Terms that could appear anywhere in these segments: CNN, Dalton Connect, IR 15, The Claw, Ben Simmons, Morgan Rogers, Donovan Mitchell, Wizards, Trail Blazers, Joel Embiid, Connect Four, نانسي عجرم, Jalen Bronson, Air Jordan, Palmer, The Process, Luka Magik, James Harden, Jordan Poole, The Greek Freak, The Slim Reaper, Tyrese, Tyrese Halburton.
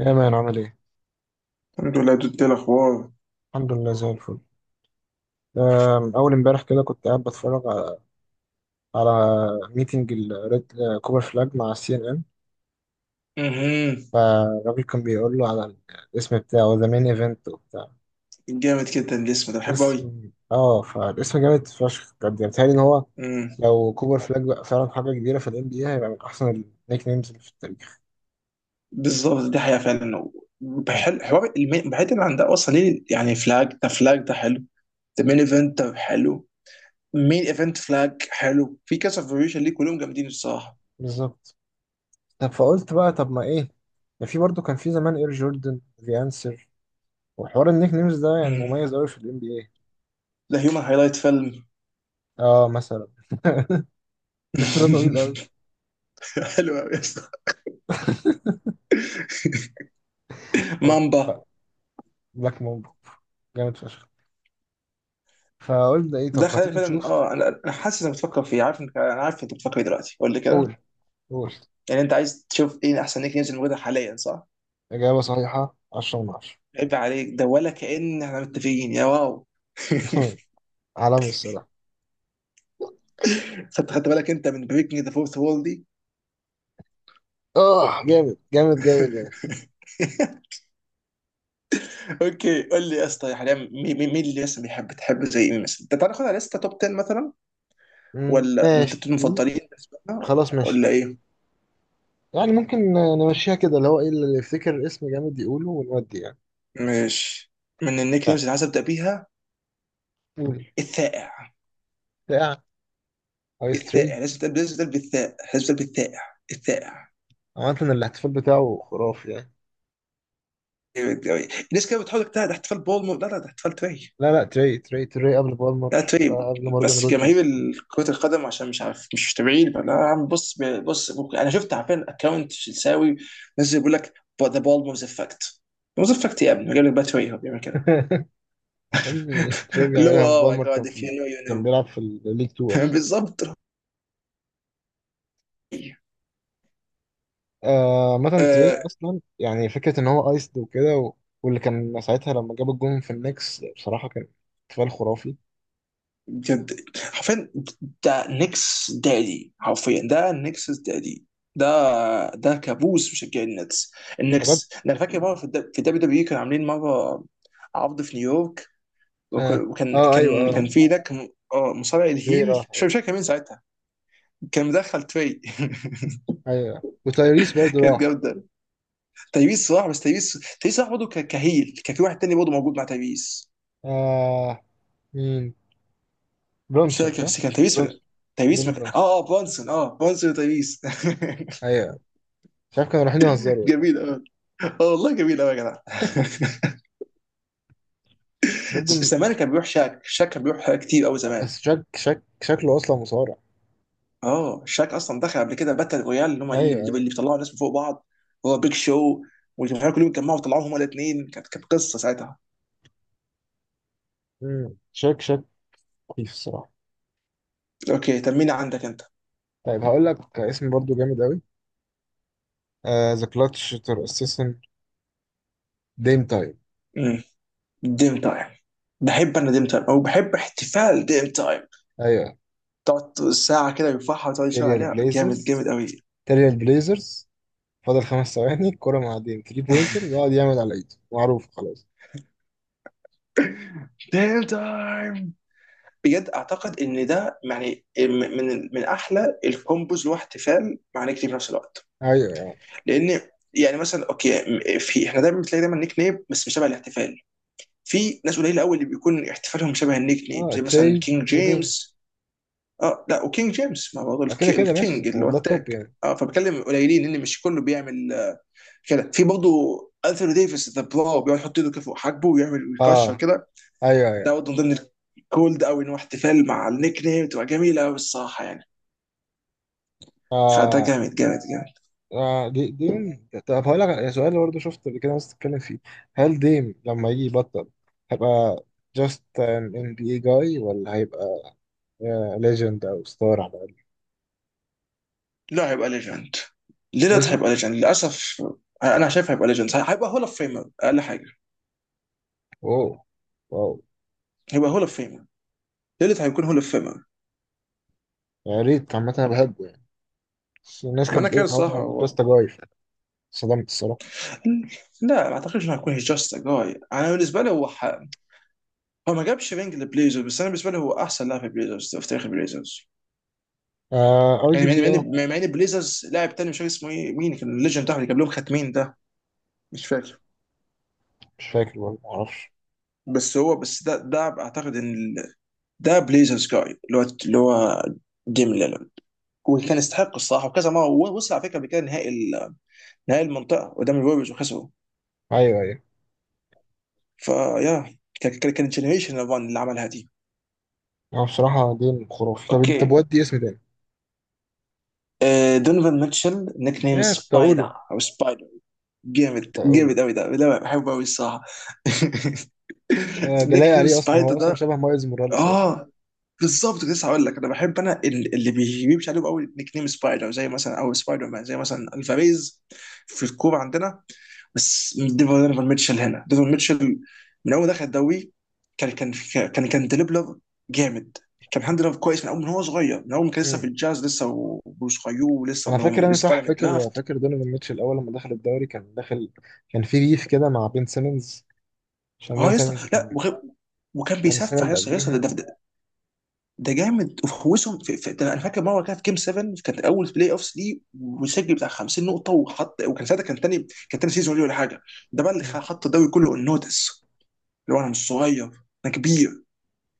يا مان عامل ايه؟ الحمد لله دود. إيه الاخبار؟ الحمد لله زي الفل. أول امبارح كده كنت قاعد بتفرج على ميتنج الريد كوبر فلاج مع سي ان ان. امم فالراجل كان بيقول له على الاسم بتاعه، ذا مين ايفنت وبتاع جامد جدا. الاسم ده بحبه قوي. اسم. اه فالاسم جامد فشخ بجد. يعني بيتهيألي إن هو امم لو كوبر فلاج بقى فعلا حاجة كبيرة في الام بي اي، هيبقى من أحسن النيك نيمز اللي في التاريخ. بالظبط، دي حقيقه فعلا. يعني بحل حوار المين، بعيدا عن ده اصلا ليه يعني؟ فلاج ده، فلاج ده حلو، ده مين ايفنت، ده حلو. مين ايفنت فلاج حلو في كذا فيريشن، ليه كلهم جامدين الصراحه. بالظبط. طب فقلت بقى، طب ما ايه، ده في برضه كان في زمان اير جوردن ذا انسر. وحوار النيك نيمز ده يعني امم مميز قوي في الام بي. ده هيومن هايلايت فيلم. اه مثلا. اسم ده طويل قوي. حلو قوي يا اسطى. طب مامبا. بقى، بلاك مامبو، جامد فشخ. فقلنا ايه، ده طب ما خلاني تيجي فعلا. نشوف. اه، انا حاسس انك بتفكر فيه. عارف انك، انا عارف انت بتفكر فيه دلوقتي. قول لي كده. قول قول. يعني انت عايز تشوف ايه احسن نيك نيمز الموجوده حاليا، صح؟ اجابه صحيحه، 10 من 10. عيب عليك، ده ولا كأن احنا متفقين يا واو. عالمي الصراحه. خدت بالك انت من بريكنج ذا فورث وول دي؟ اه جامد جامد جامد يعني. اوكي، قول لي يا اسطى، حاليا مين اللي لسه بيحب تحب؟ زي مين مثلا؟ انت تعالى ناخدها لسته توب 10 مثلا، مم، ولا من التوب ماشي. المفضلين بالنسبه لنا، خلاص ماشي. ولا ايه؟ يعني ممكن نمشيها كده، اللي هو ايه اللي يفتكر اسم جامد يقوله ونودي يعني. ماشي. من النيك يعني نيمز اللي عايز ابدا بيها، قول. الثائع. بتاع عايز تري. الثائع لازم تبدا، لازم تبدا بالثاء، لازم تبدا بالثائع. الثائع عامة الاحتفال بتاعه خرافي يعني. جامد أوي. الناس كده بتحاول تجتهد احتفال بولمور. لا لا، ده احتفال تري. لا لا، تري تري تري قبل لا بالمر، آه، تريب. قبل مورجان بس جماهير روجرز. كرة القدم، عشان مش عارف، مش متابعين. فلا يا عم، بص بص، ممكن انا شفت، عارفين اكونت شلساوي نزل بيقول لك ذا بول موز افكت. موز افكت يا ابني، جاب لك بقى تري هو بيعمل كده. يا ابني تري اللي هو، بيعملها، اوه ماي مبالمر كان جاد، اف يو في نو يو كان نو. بيلعب في الليج 2 اصلا. بالظبط. آه مثلا تري آه، اصلا، يعني فكره ان هو ايسد وكده واللي كان ساعتها لما جاب الجون في النكس بصراحه كان احتفال خرافي. بجد حرفيا، ده نيكس دادي حرفيا، ده نيكس دادي. ده، ده كابوس مشجعين النتس. بجد. النكس ده، انا فاكر مره في الدبليو دبليو كانوا عاملين مره عرض في نيويورك، وك- اه وكان اه ايوه كان كان اه، في ده، كان اه مصارع تري راح. الهيل، مش ايوه فاكر كان مين ساعتها، كان مدخل تري. ايوه، وتايريس برضو كانت راح. جامده. تيبيس صراحه، بس تيبيس. تيبيس صراحه برضه كهيل، كان في واحد تاني برضه موجود مع تيبيس، آه مين، مش برونسون فاكر، صح؟ بس كان تيبيس ولا... برونسون، تيبيس جيلين مك... اه برونسون. اه برونسون، اه برونسون وتيبيس. ايوه، مش عارف كانوا رايحين يهزروا والله. جميل، اه. اه والله، جميل قوي يا جدع. برضو م- زمان كان بيروح شاك. شاك كان بيروح كتير قوي زمان. بس شك شكله اصلا مصارع. اه، شاك اصلا دخل قبل كده باتل رويال، اللي هم اللي، ايوه اللي ايوه. بيطلعوا الناس من فوق بعض، هو بيج شو، والجمهور كلهم اتجمعوا وطلعوهم هما الاثنين. كانت، كانت قصه ساعتها. مم. شك كويس الصراحه. اوكي، تميني عندك انت. طيب هقول لك اسم برضو جامد قوي، ذا كلاتش تور اسيسن، ديم تايم. امم ديم تايم. بحب انا ديم تايم، او بحب احتفال ديم تايم. ايوه، تقعد ساعه كده يرفعها وتقعد تشاور تيريال عليها. جامد، جامد بليزرز، قوي. تيريال بليزرز. فاضل خمس ثواني الكرة مع ديم 3 بوينتر بيقعد يعمل على ايده، معروف خلاص. ديم تايم. بجد اعتقد ان ده يعني من احلى الكومبوز، اللي هو احتفال مع نيكتي في نفس الوقت. ايوه أيوة. لان يعني مثلا، اوكي، في احنا دايما بتلاقي دايما نيك نيم بس مش شبه الاحتفال. في ناس قليله قوي اللي بيكون احتفالهم شبه النيك نيم، اه زي مثلا تري كينج وديم، جيمس. اه لا، وكينج جيمس ما برضه آه، كده كده الكينج، ماشي، اللي آه، هو ده التاج. التوب يعني. اه، فبتكلم قليلين ان مش كله بيعمل، كده. في برضه انثوني ديفيس ذا بلاو، بيقعد يحط ايده كده فوق حاجبه ويعمل ويكشر اه كده. ايوه ده ايوه، برضه من ضمن الكولد قوي، ان هو احتفال مع النيك نيم تبقى جميله قوي الصراحه يعني. فده اه, جامد، جامد، جامد. آه دي ديم. طب هقول لك سؤال برضه، شفت قبل كده ناس بتتكلم فيه، هل ديم لما يجي يبطل هيبقى just an NBA guy ولا هيبقى يا ليجند او ستار على الاقل؟ لا، هيبقى ليجند. ليلارد ليجند. هيبقى ليجند للاسف. انا شايف هيبقى ليجند، هيبقى هول اوف فيمر اقل حاجه. واو واو. هيبقى هول اوف فيمر. ليلارد هيكون هول اوف فيمر. يا ريت عامه انا بحبه يعني، بس الناس ما كانت انا كده بتقول ان هو الصراحه هو. باستا جاي. صدمت الصراحه. لا، ما اعتقدش انه هيكون جاست ا جاي. انا بالنسبه لي هو ح... هو ما جابش رينج لبليزرز، بس انا بالنسبه لي هو احسن لاعب في بليزرز في تاريخ البليزرز. آه يعني، ارجبلي مع اه. ان، مع ان بليزرز لاعب تاني، مش فاكر اسمه ايه، مين كان الليجند بتاعهم اللي جاب لهم خاتمين ده، مش فاكر. مش فاكر والله، ما اعرفش. بس هو، بس ده، ده اعتقد ان ده بليزرز جاي، اللي هو، اللي هو ديم ليلارد. وكان يستحق الصراحه، وكذا مره وصل على فكره قبل كده نهائي نهائي المنطقه قدام الوريوز وخسروا. ايوه ايوه. فيا كانت جنريشن ران اللي عملها دي. هو بصراحه دين خرافي. طب اوكي، طب ودي اسم تاني. آه، دونيفان ميتشل نيك نيم يا كنت سبايدر اقوله. او سبايدر. جامد، كنت اقوله. جامد قوي ده، لا بحبه قوي الصراحه. آه جلاي نيك نيم عليه اصلا، سبايدر هو اصلا ده، شبه مايلز موراليس اصلا. اه، بالظبط. كنت لسه هقول لك. انا بحب انا اللي بيمشي عليهم قوي نيك نيم سبايدر، زي مثلا او سبايدر مان، زي مثلا الفاريز في الكوره عندنا. بس ديفون، ديفون ميتشل هنا، ديفون ميتشل من اول دخل الدوري، كان كان كان ديليبلر جامد. كان الحمد لله كويس من اول من هو صغير، من اول ما كان لسه في مم. الجاز لسه، وصغير ولسه، انا ما فاكر، هو انا لسه طالع صح من فاكر، الدرافت. فاكر دونيفان ميتشل الاول لما دخل الدوري كان داخل. كان في ريف كده مع بين سيمنز، عشان اه بين يا سيمنز اسطى، لا كان وغير، وكان كان السنه بيسفح يا اللي اسطى، يا اسطى ده، قبليها. ده، ده، ده جامد. وفوزهم في، في ده، انا فاكر مره كان في جيم 7، كانت اول بلاي اوفس ليه، وسجل بتاع 50 نقطه، وحط، وكان ساعتها كان تاني، كان تاني سيزون ليه ولا حاجه. ده بقى اللي مم. حط الدوري كله النوتس، اللي هو انا مش صغير، انا كبير.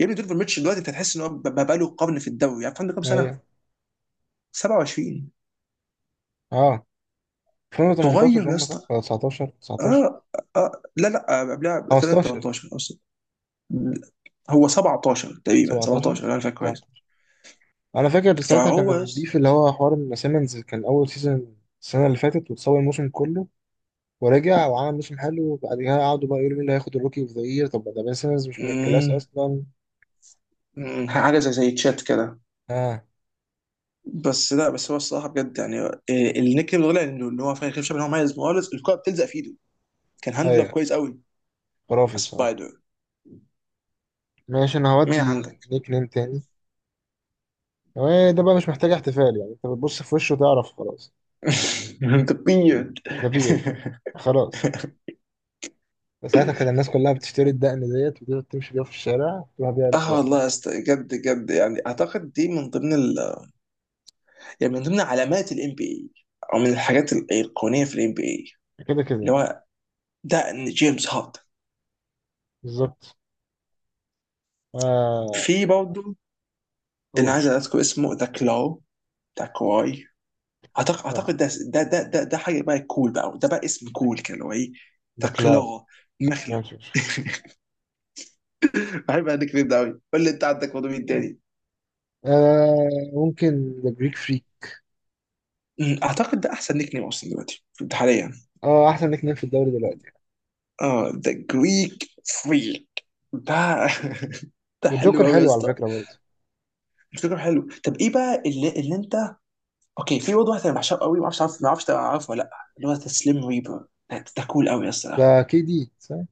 يا ابني دونيفر ميتشل دلوقتي انت هتحس ان هو بقى له قرن في الدوري. عارف عنده كام سنه؟ ايوه. 27. اه صغير 2018 يا هم، صح اسطى. ولا 19؟ 19، اه، اه، لا لا، آه، قبلها تقريباً 15، 18 اصلا، هو 17 تقريبا، 17، 17 لو انا فاكر 18. كويس. انا فاكر ساعتها كان فهو يس... البيف اللي هو حوار ان سيمنز كان اول سيزون السنه اللي فاتت وتصور الموسم كله، ورجع وعمل موسم حلو، وبعدها قعدوا بقى يقولوا مين اللي هياخد الروكي اوف ذا يير. طب ده بين سيمنز مش من الكلاس مم، اصلا. حاجه زي زي تشات كده. اه بس لا، بس هو الصراحه بجد يعني، النيك نيم الغلا انه، إن هو فاهم خير، شايف ان هو مميز خالص، الكوره بتلزق في ايده. كان هاندلر ايوه. كويس قوي. خرافي الصراحه. سبايدر. ماشي انا مين هودي. عندك؟ نيك نيم تاني، آه، ده بقى مش محتاج احتفال يعني، انت بتبص في وشه تعرف خلاص. انت بيرد. ده بيرد. خلاص. ساعتها كان الناس كلها بتشتري الدقن ديت، وتقدر تمشي بيها في الشارع، تروح بيها اه والله المدرجات. يا اسطى، جد جد يعني، اعتقد دي من ضمن ال... يعني من ضمن علامات الام بي اي، او من الحاجات الايقونيه في الام بي اي، كده اللي كده. هو ده، إن جيمس هاردن. بالظبط. آه في برضه اللي قول. عايز اذكر اسمه، ذا كلاو، ذا كواي. اعتقد اه، اعتقد ده, حاجه بقى كول بقى، ده بقى اسم كول كده، اللي هو ايه؟ ذا باكلاو كلاو، مخلب. جامد فشخ. بحب النيك نيم ده قوي. قول لي انت عندك برضه مين تاني. آه ممكن ذا بريك فري. اعتقد ده احسن نيك نيم اصلا دلوقتي، حاليا. اه احسن نيك نيم في الدوري دلوقتي. اه، ذا جريك فريك ده. ده حلو والجوكر قوي يا حلو على اسطى. فكره برضه. الفكره حلو. طب ايه بقى اللي، اللي انت. اوكي، في برضه واحد انا بحشره قوي، ما اعرفش عارف، ما اعرفش عارفه ولا لا، اللي هو ذا سليم ريبر ده، ده كول قوي يا اسطى ده. ده كي دي صح؟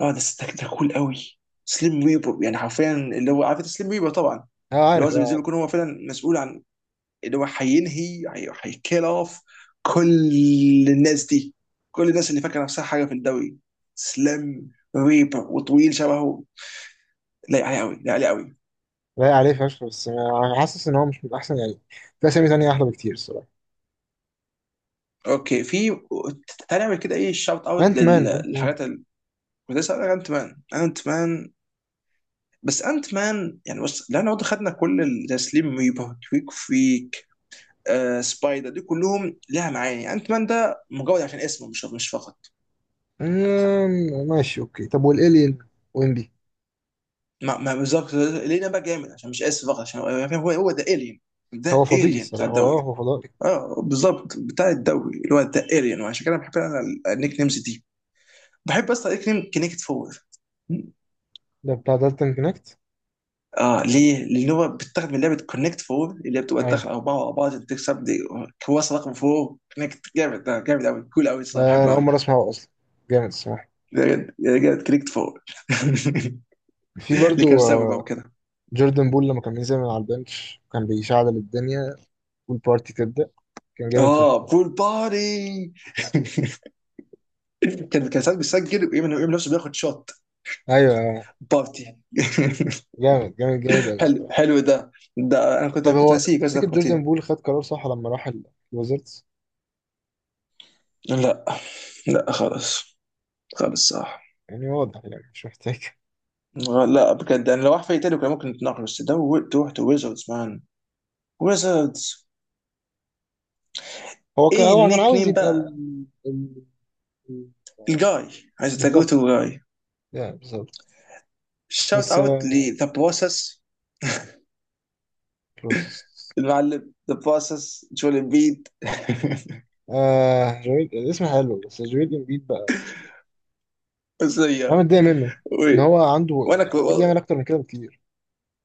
اه ده، ده كول قوي. سليم ريبر، يعني حرفيا، اللي هو عارف سليم ريبر طبعا، اه اللي عارف هو اه زي، زي ما عارف. يكون هو فعلا مسؤول عن، اللي هو هينهي، هيكيل اوف كل الناس دي، كل الناس اللي فاكره نفسها حاجه في الدوري. سليم ريبر، وطويل شبهه، لايق عليه قوي، لايق عليه قوي. لايق عليه فشخ، بس آه، أنا حاسس ان هو مش من احسن يعني. في اسامي تانية احلى بكتير الصراحه. اوكي، في، تعالى نعمل كده ايه شاوت اوت انت مان. انت مان. للحاجات الكويسه. انا انت مان، انا انت مان. بس انت مان يعني، بص، لان برضه خدنا كل زي سليم ريبر، تويك فريك، آه سبايدر، دي كلهم لها معاني. انت مان ده مجرد عشان اسمه، مش مش فقط. مم، ماشي. اوكي طب والالين، وينبي. ما، ما بالظبط، لينا بقى جامد عشان مش اسم فقط، عشان هو، هو ده الين، هو ده فضائي الين بتاع الصراحه، الدوري. هو فضائي. اه بالظبط، بتاع الدوري، اللي هو ده الين. وعشان كده بحب انا النيك نيمز دي. بحب اصلا النيك نيم كونكت فور. ده بتاع دالتون كونكت. اه ليه؟ لان هو بيتاخد من لعبه كونكت فور، اللي هي بتبقى ايوه. تدخل اربعه ورا بعض عشان تكسب دي. كويس رقم فور كونكت، جامد، ده جامد قوي، كول قوي ده الصراحه، انا بحبه اول قوي. مره اسمعه اصلا. جامد الصراحه. جامد، جامد كونكت فور. في اللي برضه كان ساوي بقى وكده. جوردن بول لما كان بينزل من على البنش كان بيشعل الدنيا والبارتي تبدأ. كان جامد فشخ. اه، بول باري. كان، كان ساعات بيسجل ويعمل، يعمل نفسه بياخد شوت. ايوه. بارتي. جامد جامد جامد قوي حلو، الصراحة. حلو ده. ده انا كنت، طب كنت هو ناسيه، بس ده تفتكر جوردن فكرتني. بول خد قرار صح لما راح الوزيرتس؟ لا، لا خالص، خالص صح. يعني واضح، يعني مش محتاج. لا بجد يعني، لو واحد فريق تاني كان ممكن نتناقش، بس ده، و- تروح تو ويزردز مان، ويزردز. هو كان ايه هو كان النيك عاوز نيم يبقى بقى؟ ال- الجاي. عايز تجو بالظبط، تو جاي. يعني بالظبط. شوت بس اوت آه، لذا بروسس. بروسس. المعلم ذا بروسس، جول امبيد. آه جويل، الاسم حلو، بس جويل امبيد بقى انا ازيك. متضايق منه، ان و- هو عنده وانا يعني المفروض كو... يعمل اكتر من كده بكتير.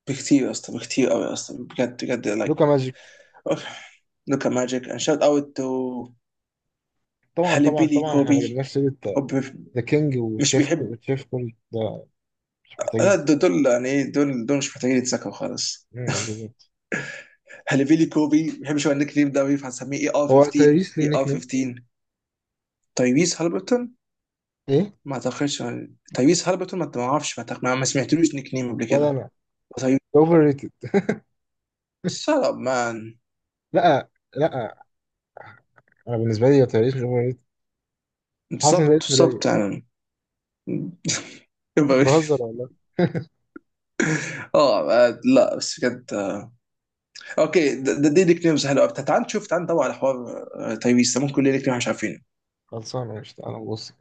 بكتير يا اسطى، بكتير قوي يا اسطى، بجد، بجد لايك. لوكا ماجيك. لوكا ماجيك اند شوت اوت تو طبعا طبعا هاليبيلي طبعا احنا ما كوبي. جبناش سيرة. وب- ذا كينج مش وتشيف، بيحب. تشيف كوري ده مش لا، محتاجين. دول دول يعني ايه، دول دول مش محتاجين يتذكروا خالص. مم، بالظبط. هاليبيلي كوبي ما بيحبش هو النيك نيم ده، فهنسميه اي ار هو 15، تايريس ليه اي ار نيك نيم؟ 15. تايريس هالبرتون؟ ايه. ما اعتقدش. تايريس هالبرتون، ما، ما اعرفش، ما أعتقد، ما سمعتلوش نيك نيم قبل ولا كده. انا. تايريس. اوفر ريتد. شut up مان. لا لا، انا بالنسبه لي تايريس مش اوفر ريتد. حاسس ان بالظبط، ده اسم ضايق. بالظبط يعني مش بهزر يبقى... والله. اه، آه، لا بس بجد، آه، اوكي، دي نيك نيمز حلوه. طب تعال نشوف، تعال ندور على حوار. آه، تايريس ده ممكن ليه نيك نيم إحنا مش عارفينه. خلصانه، مش تعالى نبص.